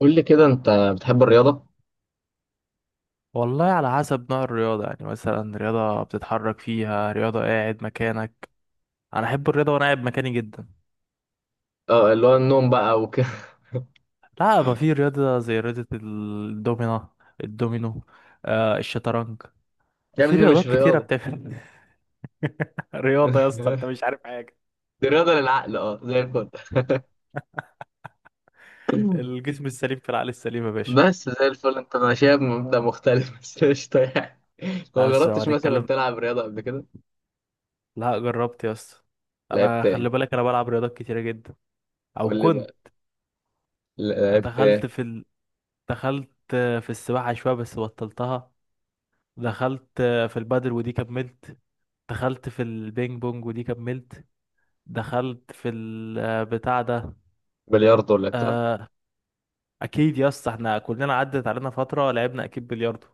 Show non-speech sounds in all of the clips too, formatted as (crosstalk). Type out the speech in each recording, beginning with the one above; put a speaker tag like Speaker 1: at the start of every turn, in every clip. Speaker 1: قول لي كده انت بتحب الرياضة؟
Speaker 2: والله على حسب نوع الرياضة، يعني مثلا رياضة بتتحرك فيها، رياضة قاعد مكانك. أنا أحب الرياضة وأنا قاعد مكاني جدا.
Speaker 1: اه اللي هو النوم بقى وكده. (laughs)
Speaker 2: لا، ما في رياضة زي رياضة الدومينو. آه، الشطرنج.
Speaker 1: يا
Speaker 2: في
Speaker 1: ابني مش
Speaker 2: رياضات كتيرة
Speaker 1: رياضة.
Speaker 2: بتعمل. (laughs) رياضة يا اسطى، أنت
Speaker 1: (laughs)
Speaker 2: مش عارف حاجة.
Speaker 1: دي رياضة للعقل، اه زي الفل. (laughs)
Speaker 2: الجسم السليم في العقل السليم يا باشا.
Speaker 1: بس زي الفل انت ماشيها بمبدأ مختلف. (laughs) بس قشطة يعني. لو
Speaker 2: لا،
Speaker 1: ما
Speaker 2: بس لو
Speaker 1: جربتش مثلا
Speaker 2: هنتكلم.
Speaker 1: تلعب رياضة قبل كده؟
Speaker 2: لا، جربت يا اسطى.
Speaker 1: لعبت
Speaker 2: أنا
Speaker 1: ايه؟
Speaker 2: خلي بالك، أنا بلعب رياضات كتيرة جدا. أو
Speaker 1: قول لي بقى،
Speaker 2: كنت.
Speaker 1: لعبت ايه؟
Speaker 2: دخلت في ال... دخلت في السباحة شوية بس بطلتها. دخلت في البادل ودي كملت. دخلت في البينج بونج ودي كملت. دخلت في البتاع ده.
Speaker 1: بلياردو ولا بتاع؟
Speaker 2: آه، اكيد يا اسطى، احنا كلنا عدت علينا فتره لعبنا اكيد بلياردو.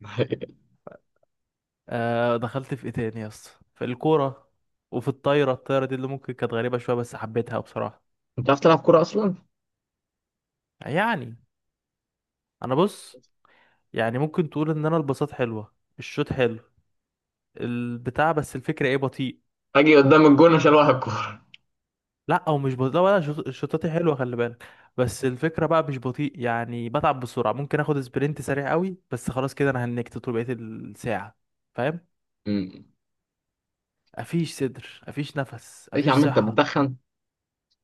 Speaker 1: (laughs)
Speaker 2: دخلت في ايه تاني يا اسطى، في الكوره وفي الطايره. الطايره دي اللي ممكن كانت غريبه شويه بس حبيتها بصراحه.
Speaker 1: انت عارف تلعب كورة أصلا؟
Speaker 2: يعني انا بص، يعني ممكن تقول ان انا البساط حلوه، الشوت حلو، البتاع، بس الفكره ايه، بطيء.
Speaker 1: اجي قدام الجون عشان واحد كورة.
Speaker 2: لا، او مش بطيء، لا، ولا شطاتي حلوه خلي بالك. بس الفكره بقى مش بطيء، يعني بتعب بسرعه. ممكن اخد سبرنت سريع قوي بس خلاص كده انا هنكت طول بقيه الساعه. فاهم.
Speaker 1: امم.
Speaker 2: مفيش صدر، مفيش نفس،
Speaker 1: ايه؟ (laughs) يا
Speaker 2: مفيش
Speaker 1: عم انت
Speaker 2: صحه.
Speaker 1: بتدخن؟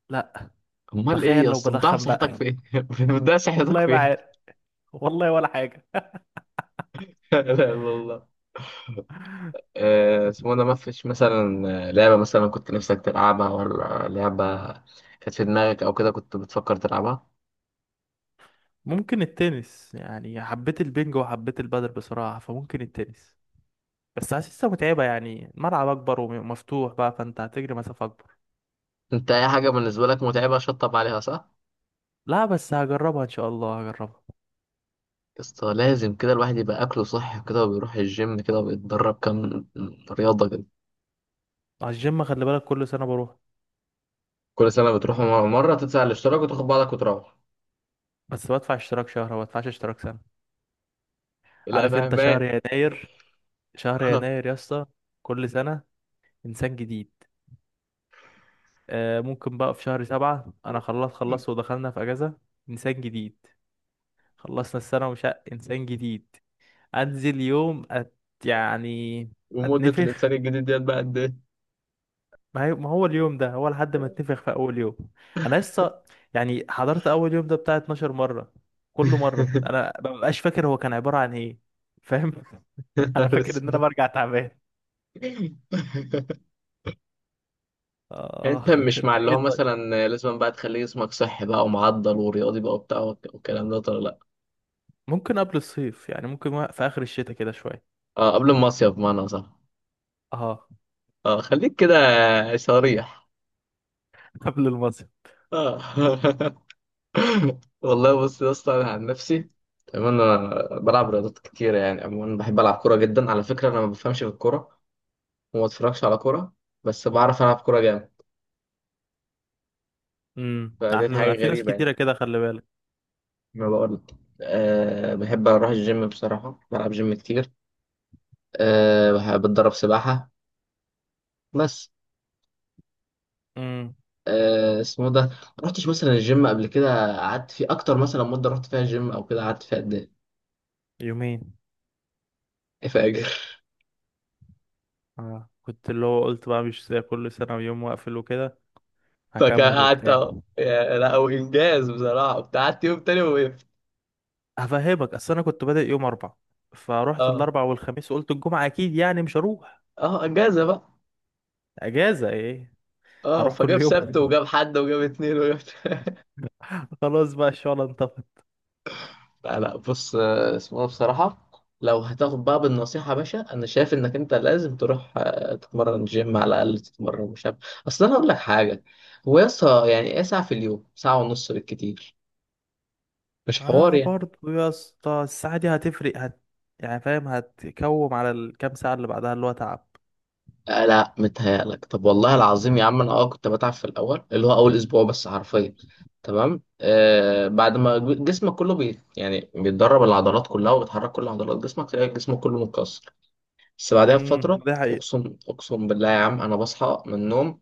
Speaker 2: لا.
Speaker 1: امال ايه
Speaker 2: تخيل
Speaker 1: يا
Speaker 2: لو
Speaker 1: اسطى؟ بتضيع
Speaker 2: بدخن
Speaker 1: صحتك
Speaker 2: بقى.
Speaker 1: في ايه؟ (laughs) بتضيع
Speaker 2: (laughs)
Speaker 1: صحتك
Speaker 2: والله
Speaker 1: في
Speaker 2: ما
Speaker 1: ايه؟
Speaker 2: عارف. والله ولا حاجه.
Speaker 1: (laughs) لا لا والله. اسمه ده، مفيش مثلا لعبة مثلا كنت نفسك تلعبها، ولا لعبة كانت في دماغك أو كده كنت بتفكر تلعبها؟
Speaker 2: ممكن التنس، يعني حبيت البنج وحبيت البادل بصراحه، فممكن التنس. بس حاسسها متعبه، يعني الملعب اكبر ومفتوح بقى، فانت هتجري مسافه اكبر.
Speaker 1: أنت أي حاجة بالنسبة لك متعبة شطب عليها، صح؟
Speaker 2: لا بس هجربها ان شاء الله، هجربها.
Speaker 1: يسطا لازم كده الواحد يبقى أكله صحي كده وبيروح الجيم كده وبيتدرب كام رياضة كده.
Speaker 2: على الجيم خلي بالك، كل سنه بروح.
Speaker 1: كل سنة بتروح مرة، مرة تدفع الاشتراك وتاخد بعضك وتروح.
Speaker 2: بس بدفع اشتراك شهر، ما بدفعش اشتراك سنة.
Speaker 1: لا
Speaker 2: عارف انت، شهر
Speaker 1: مهما.
Speaker 2: يناير. شهر يناير
Speaker 1: (laughs)
Speaker 2: يا اسطى. كل سنة انسان جديد. آه، ممكن بقى في شهر سبعة انا خلاص خلصت ودخلنا في اجازة. انسان جديد. خلصنا السنة ومش انسان جديد. انزل يوم أت. يعني
Speaker 1: ومدة الإنسان
Speaker 2: اتنفخ.
Speaker 1: الجديد ديت بقى قد إيه؟
Speaker 2: ما هو اليوم ده هو لحد ما اتنفخ في اول يوم. انا لسه، يعني حضرت اول يوم ده بتاع 12 مرة. كل مرة
Speaker 1: (laughs)
Speaker 2: انا مببقاش فاكر هو كان عبارة عن ايه. فاهم. (laughs)
Speaker 1: يا
Speaker 2: انا
Speaker 1: نهار
Speaker 2: فاكر ان انا
Speaker 1: أسود.
Speaker 2: برجع تعبان.
Speaker 1: (laughs) انت
Speaker 2: اه يعني. (laughs)
Speaker 1: مش
Speaker 2: انت
Speaker 1: مع اللي
Speaker 2: ايه
Speaker 1: هو
Speaker 2: طيب؟
Speaker 1: مثلا لازم بقى تخلي جسمك صحي بقى ومعضل ورياضي بقى وبتاع والكلام ده ولا لا؟
Speaker 2: ممكن قبل الصيف، يعني ممكن في اخر الشتاء كده شويه.
Speaker 1: اه قبل المصيف، بمعنى صح.
Speaker 2: اه.
Speaker 1: اه خليك كده، صريح.
Speaker 2: (laughs) قبل المصيف.
Speaker 1: اه. (laughs) والله بص يا اسطى، انا عن نفسي تمام، انا بلعب رياضات كتير يعني عموما، بحب العب كوره جدا. على فكره انا ما بفهمش في الكوره وما بتفرجش على كوره، بس بعرف العب كوره جامد. فديت
Speaker 2: احنا
Speaker 1: حاجه
Speaker 2: في ناس
Speaker 1: غريبه يعني،
Speaker 2: كتيره كده خلي بالك.
Speaker 1: ما بقول. أه بحب اروح الجيم، بصراحه بلعب جيم كتير. أه بحب اتدرب سباحه بس.
Speaker 2: امم
Speaker 1: اسمه ده، ما رحتش مثلا الجيم قبل كده قعدت فيه اكتر؟ مثلا مده رحت فيها الجيم او كده قعدت فيها قد
Speaker 2: يومين.
Speaker 1: ايه فاكر؟
Speaker 2: اه كنت اللي هو قلت بقى مش زي كل سنه، ويوم واقفل وكده.
Speaker 1: (laughs) فكان
Speaker 2: هكمل
Speaker 1: قعدت
Speaker 2: وبتاع.
Speaker 1: أهو. لا هو انجاز بصراحه، كنت قعدت يوم تاني ووقفت.
Speaker 2: هفهمك، اصل انا كنت بادئ يوم اربعة، فروحت
Speaker 1: اه
Speaker 2: الاربع والخميس وقلت الجمعه اكيد يعني مش هروح.
Speaker 1: اه انجازه بقى.
Speaker 2: اجازه ايه.
Speaker 1: اه
Speaker 2: هروح
Speaker 1: فجاب
Speaker 2: كل يوم.
Speaker 1: سبت وجاب حد وجاب اتنين وجاب. (laughs)
Speaker 2: (laughs) خلاص بقى الشغل انطفت.
Speaker 1: لا لا بص، اسمه ده بصراحه، لو هتاخد بقى بالنصيحه يا باشا، انا شايف انك انت لازم تروح تتمرن جيم، على الاقل تتمرن مش عارف. اصل انا اقول لك حاجه، هو يا اسطى يعني ايه ساعه في اليوم، ساعه ونص بالكتير؟ مش حوار
Speaker 2: اه
Speaker 1: يعني.
Speaker 2: برضه يا اسطى، الساعة دي هتفرق يعني فاهم، هتكوم على الكام ساعة اللي بعدها اللي هو تعب.
Speaker 1: آه لا متهيألك، طب والله العظيم يا عم انا اه كنت بتعب في الاول اللي هو اول اسبوع بس، حرفيا تمام. آه بعد ما جسمك كله بي يعني بيتدرب، العضلات كلها وبتحرك كل عضلات جسمك تلاقي جسمك كله متكسر، بس بعدها
Speaker 2: امم،
Speaker 1: بفتره
Speaker 2: ده حقيقي.
Speaker 1: اقسم اقسم بالله يا عم انا بصحى من النوم،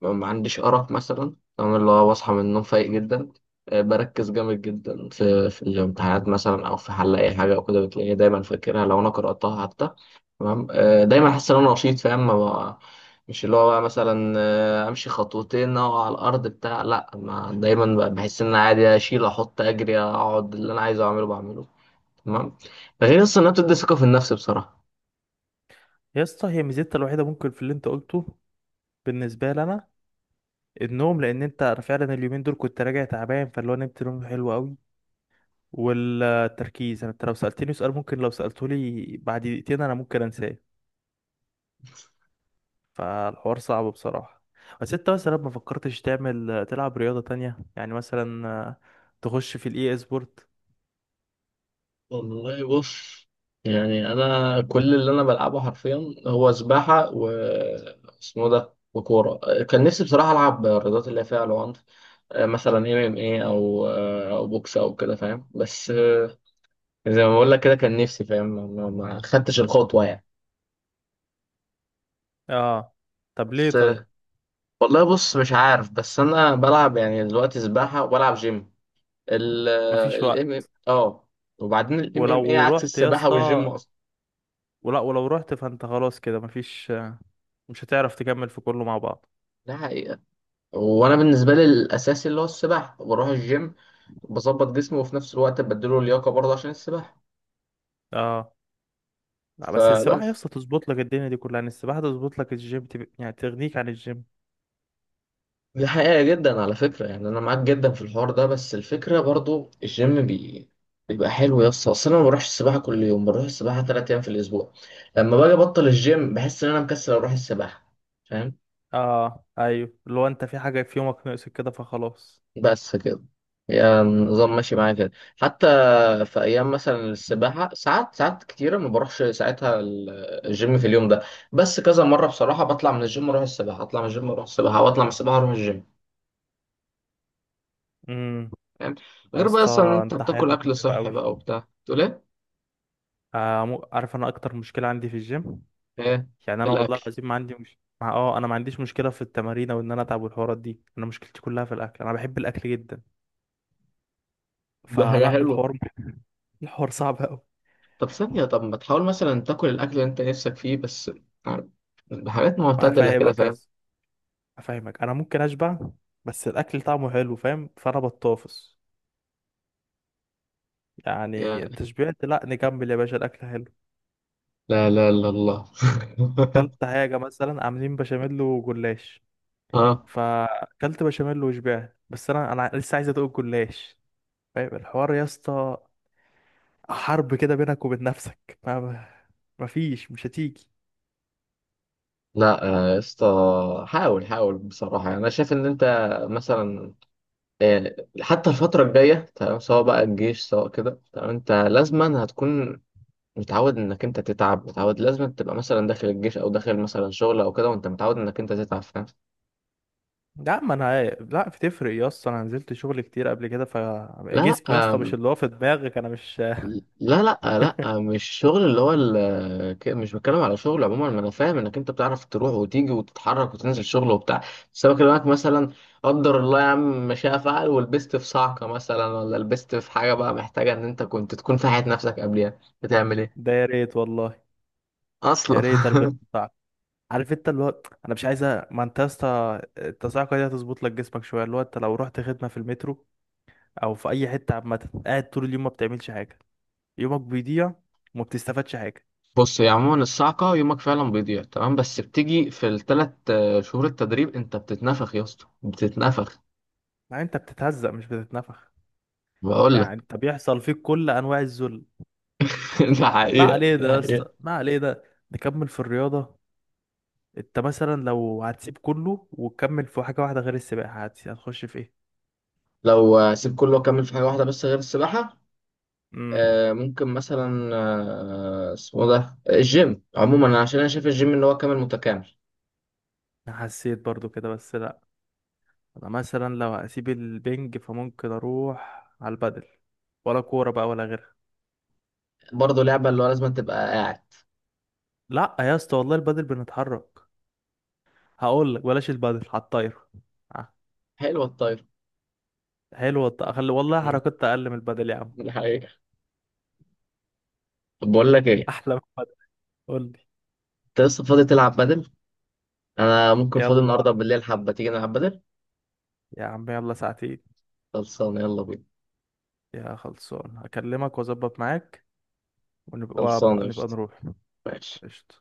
Speaker 1: ما عنديش أرق مثلا تمام، اللي هو بصحى من النوم فايق جدا. بركز جامد جدا في الامتحانات مثلا، أو في حل أي حاجة أو كده بتلاقيني دايما فاكرها لو أنا قرأتها حتى. تمام. دايما أحس إن أنا نشيط فاهم ما بقى- مش اللي هو بقى مثلا، أمشي خطوتين أقع على الأرض بتاع، لأ ما دايما بقى بحس إن أنا عادي أشيل أحط أجري أقعد، اللي أنا عايزه أعمله بعمله. تمام. ده غير أصلا إنها بتدي ثقة في النفس بصراحة.
Speaker 2: يا اسطى، هي ميزتها الوحيدة ممكن في اللي انت قلته بالنسبة لي انا، النوم. لان انت أنا فعلا اليومين دول كنت راجع تعبان، فاللي هو نمت نوم حلو قوي. والتركيز، انا انت لو سألتني سؤال، ممكن لو سألته لي بعد دقيقتين انا ممكن انساه. فالحوار صعب بصراحة. بس انت مثلا ما فكرتش تعمل تلعب رياضة تانية؟ يعني مثلا تخش في الاي سبورت.
Speaker 1: والله بص، يعني انا كل اللي انا بلعبه حرفيا هو سباحه و اسمه ده وكوره. كان نفسي بصراحه العب الرياضات اللي هي فيها العنف. مثلا ام ام اي او او بوكس او كده فاهم، بس زي ما بقول لك كده كان نفسي فاهم ما ما خدتش الخطوه يعني.
Speaker 2: اه. طب ليه
Speaker 1: بس
Speaker 2: طيب؟
Speaker 1: والله بص مش عارف، بس انا بلعب يعني دلوقتي سباحه وبلعب جيم، ال
Speaker 2: مفيش وقت.
Speaker 1: ال MMA اه، وبعدين الام ام اي
Speaker 2: ولو
Speaker 1: عكس
Speaker 2: رحت يا
Speaker 1: السباحه والجيم
Speaker 2: اسطى،
Speaker 1: اصلا.
Speaker 2: ولو رحت فانت خلاص كده مفيش، مش هتعرف تكمل في كله مع بعض.
Speaker 1: ده حقيقة. وانا بالنسبه لي الاساسي اللي هو السباحه، بروح الجيم بظبط جسمي وفي نفس الوقت بديله لياقه برضه عشان السباحه.
Speaker 2: اه. لا بس السباحة يا
Speaker 1: فبس.
Speaker 2: اسطى تظبط لك الدنيا دي كلها، يعني السباحة تظبط لك الجيم، يعني تغنيك عن الجيم.
Speaker 1: دي حقيقه جدا على فكره، يعني انا معاك جدا في الحوار ده، بس الفكره برضه الجيم بيبقى حلو يا اسطى. اصل انا ما بروحش السباحه كل يوم، بروح السباحه ثلاث ايام في الاسبوع. لما باجي ابطل الجيم بحس ان انا مكسل اروح السباحه. فاهم؟
Speaker 2: اه ايوه، لو انت في حاجة في يومك ناقصك كده فخلاص.
Speaker 1: بس كده، يعني النظام ماشي معايا كده. حتى في ايام مثلا السباحه ساعات، ساعات كتيره ما بروحش ساعتها الجيم في اليوم ده. بس كذا مره بصراحه بطلع من الجيم اروح السباحه، اطلع من الجيم اروح السباحه، واطلع من السباحه اروح الجيم.
Speaker 2: امم.
Speaker 1: فاهم؟
Speaker 2: يا
Speaker 1: غير بقى
Speaker 2: اسطى
Speaker 1: اصلا إن انت
Speaker 2: انت
Speaker 1: بتاكل
Speaker 2: حياتك
Speaker 1: اكل
Speaker 2: متعبة
Speaker 1: صحي
Speaker 2: قوي.
Speaker 1: بقى وبتاع. تقول ايه؟
Speaker 2: آه، عارف انا اكتر مشكلة عندي في الجيم.
Speaker 1: ايه
Speaker 2: يعني انا والله
Speaker 1: الاكل؟
Speaker 2: العظيم، ما عندي مش مع اه انا ما عنديش مشكله في التمارين او ان انا اتعب والحوارات دي، انا مشكلتي كلها في الاكل، انا بحب الاكل جدا.
Speaker 1: ده حاجه
Speaker 2: فلا،
Speaker 1: حلوه.
Speaker 2: الحوار صعب قوي.
Speaker 1: طب ثانيه، طب ما تحاول مثلا تاكل الاكل اللي انت نفسك فيه بس، عارف، بحاجات معتدله كده
Speaker 2: هفهمك
Speaker 1: فاهم.
Speaker 2: بس هفهمك، انا ممكن اشبع بس الاكل طعمه حلو فاهم، فانا بطافس.
Speaker 1: يا
Speaker 2: يعني انت شبعت؟ لا، نكمل يا باشا الاكل حلو.
Speaker 1: لا لا لا الله. (laughs)
Speaker 2: كلت حاجه مثلا، عاملين بشاميل وجلاش،
Speaker 1: اه
Speaker 2: فاكلت بشاميل وشبعت بس انا لسه عايز ادوق الجلاش. فاهم الحوار يا اسطى؟ حرب كده بينك وبين نفسك. ما مفيش، مش هتيجي.
Speaker 1: لا يا اسطى حاول، حاول بصراحة. يعني أنا شايف إن أنت مثلا، حتى الفترة الجاية تمام، سواء بقى الجيش سواء كده تمام، أنت لازما هتكون متعود إنك أنت تتعب، متعود لازما تبقى مثلا داخل الجيش أو داخل مثلا شغل أو كده وأنت متعود إنك أنت تتعب. فاهم؟
Speaker 2: لا ما انا، لا بتفرق يا اسطى، انا نزلت شغل كتير قبل كده،
Speaker 1: لا
Speaker 2: فجسمي يا اسطى
Speaker 1: لا
Speaker 2: مش اللي هو في دماغك، انا مش. (laughs)
Speaker 1: لا لا لا مش شغل اللي هو مش بتكلم على شغل عموما، ما انا فاهم انك انت بتعرف تروح وتيجي وتتحرك وتنزل شغل وبتاع، بس انا بكلمك مثلا قدر الله يا عم ما شاء فعل، ولبست في صعقه مثلا، ولا لبست في حاجه بقى محتاجه ان انت كنت تكون في حياه نفسك قبلها بتعمل ايه
Speaker 2: ده يا ريت والله. يا
Speaker 1: اصلا.
Speaker 2: ريت البس
Speaker 1: (laughs)
Speaker 2: بتاعك. عارف انت اللي هو انا مش عايزه. ما انت يا اسطى التصاعقه دي هتظبط لك جسمك شويه، اللي هو انت لو رحت خدمه في المترو او في اي حته عامه، قاعد طول اليوم ما بتعملش حاجه. يومك بيضيع وما بتستفادش حاجه.
Speaker 1: بص هي عموما الصعقه يومك فعلا بيضيع تمام، بس بتيجي في الثلاث شهور التدريب انت بتتنفخ يا اسطى، بتتنفخ.
Speaker 2: لا، انت بتتهزق مش بتتنفخ.
Speaker 1: بقول
Speaker 2: يعني
Speaker 1: لك.
Speaker 2: انت بيحصل فيك كل انواع الذل.
Speaker 1: (laughs) ده
Speaker 2: ما
Speaker 1: حقيقه،
Speaker 2: عليه ده
Speaker 1: ده
Speaker 2: يا اسطى،
Speaker 1: حقيقه.
Speaker 2: ما عليه ده. نكمل في الرياضة. انت مثلا لو هتسيب كله وتكمل في حاجة واحدة غير السباحة، هتخش في ايه؟
Speaker 1: لو سيب كله وأكمل في حاجة واحدة بس غير السباحة،
Speaker 2: امم.
Speaker 1: ممكن مثلا اسمه ده الجيم عموما، عشان أنا شايف الجيم إن هو كامل متكامل.
Speaker 2: انا حسيت برضو كده بس لا. انا مثلا لو هسيب البنج، فممكن اروح على البدل ولا كورة بقى ولا غيرها.
Speaker 1: برضه لعبة اللي هو لازم تبقى قاعد.
Speaker 2: لا يا اسطى والله البدل بنتحرك. هقول لك، بلاش البدل، على الطايرة. آه،
Speaker 1: حلوة الطايرة.
Speaker 2: حلوة أخلي والله
Speaker 1: مم،
Speaker 2: حركات اقل من البدل يا
Speaker 1: (laughs)
Speaker 2: عم.
Speaker 1: دي حقيقة. طب بقول لك
Speaker 2: (laughs)
Speaker 1: إيه،
Speaker 2: احلى من البدل. قول لي.
Speaker 1: أنت لسه فاضي تلعب بدل؟ أنا ممكن فاضي
Speaker 2: يلا،
Speaker 1: النهاردة بالليل، حبة تيجي نلعب بدل؟
Speaker 2: يا عم يلا ساعتين.
Speaker 1: خلصانة، يلا بينا.
Speaker 2: يا خلصان هكلمك واظبط معاك. ونبقى
Speaker 1: خلصانة،
Speaker 2: ونبقى
Speaker 1: قشطة.
Speaker 2: نروح.
Speaker 1: ماشي.
Speaker 2: قشطة.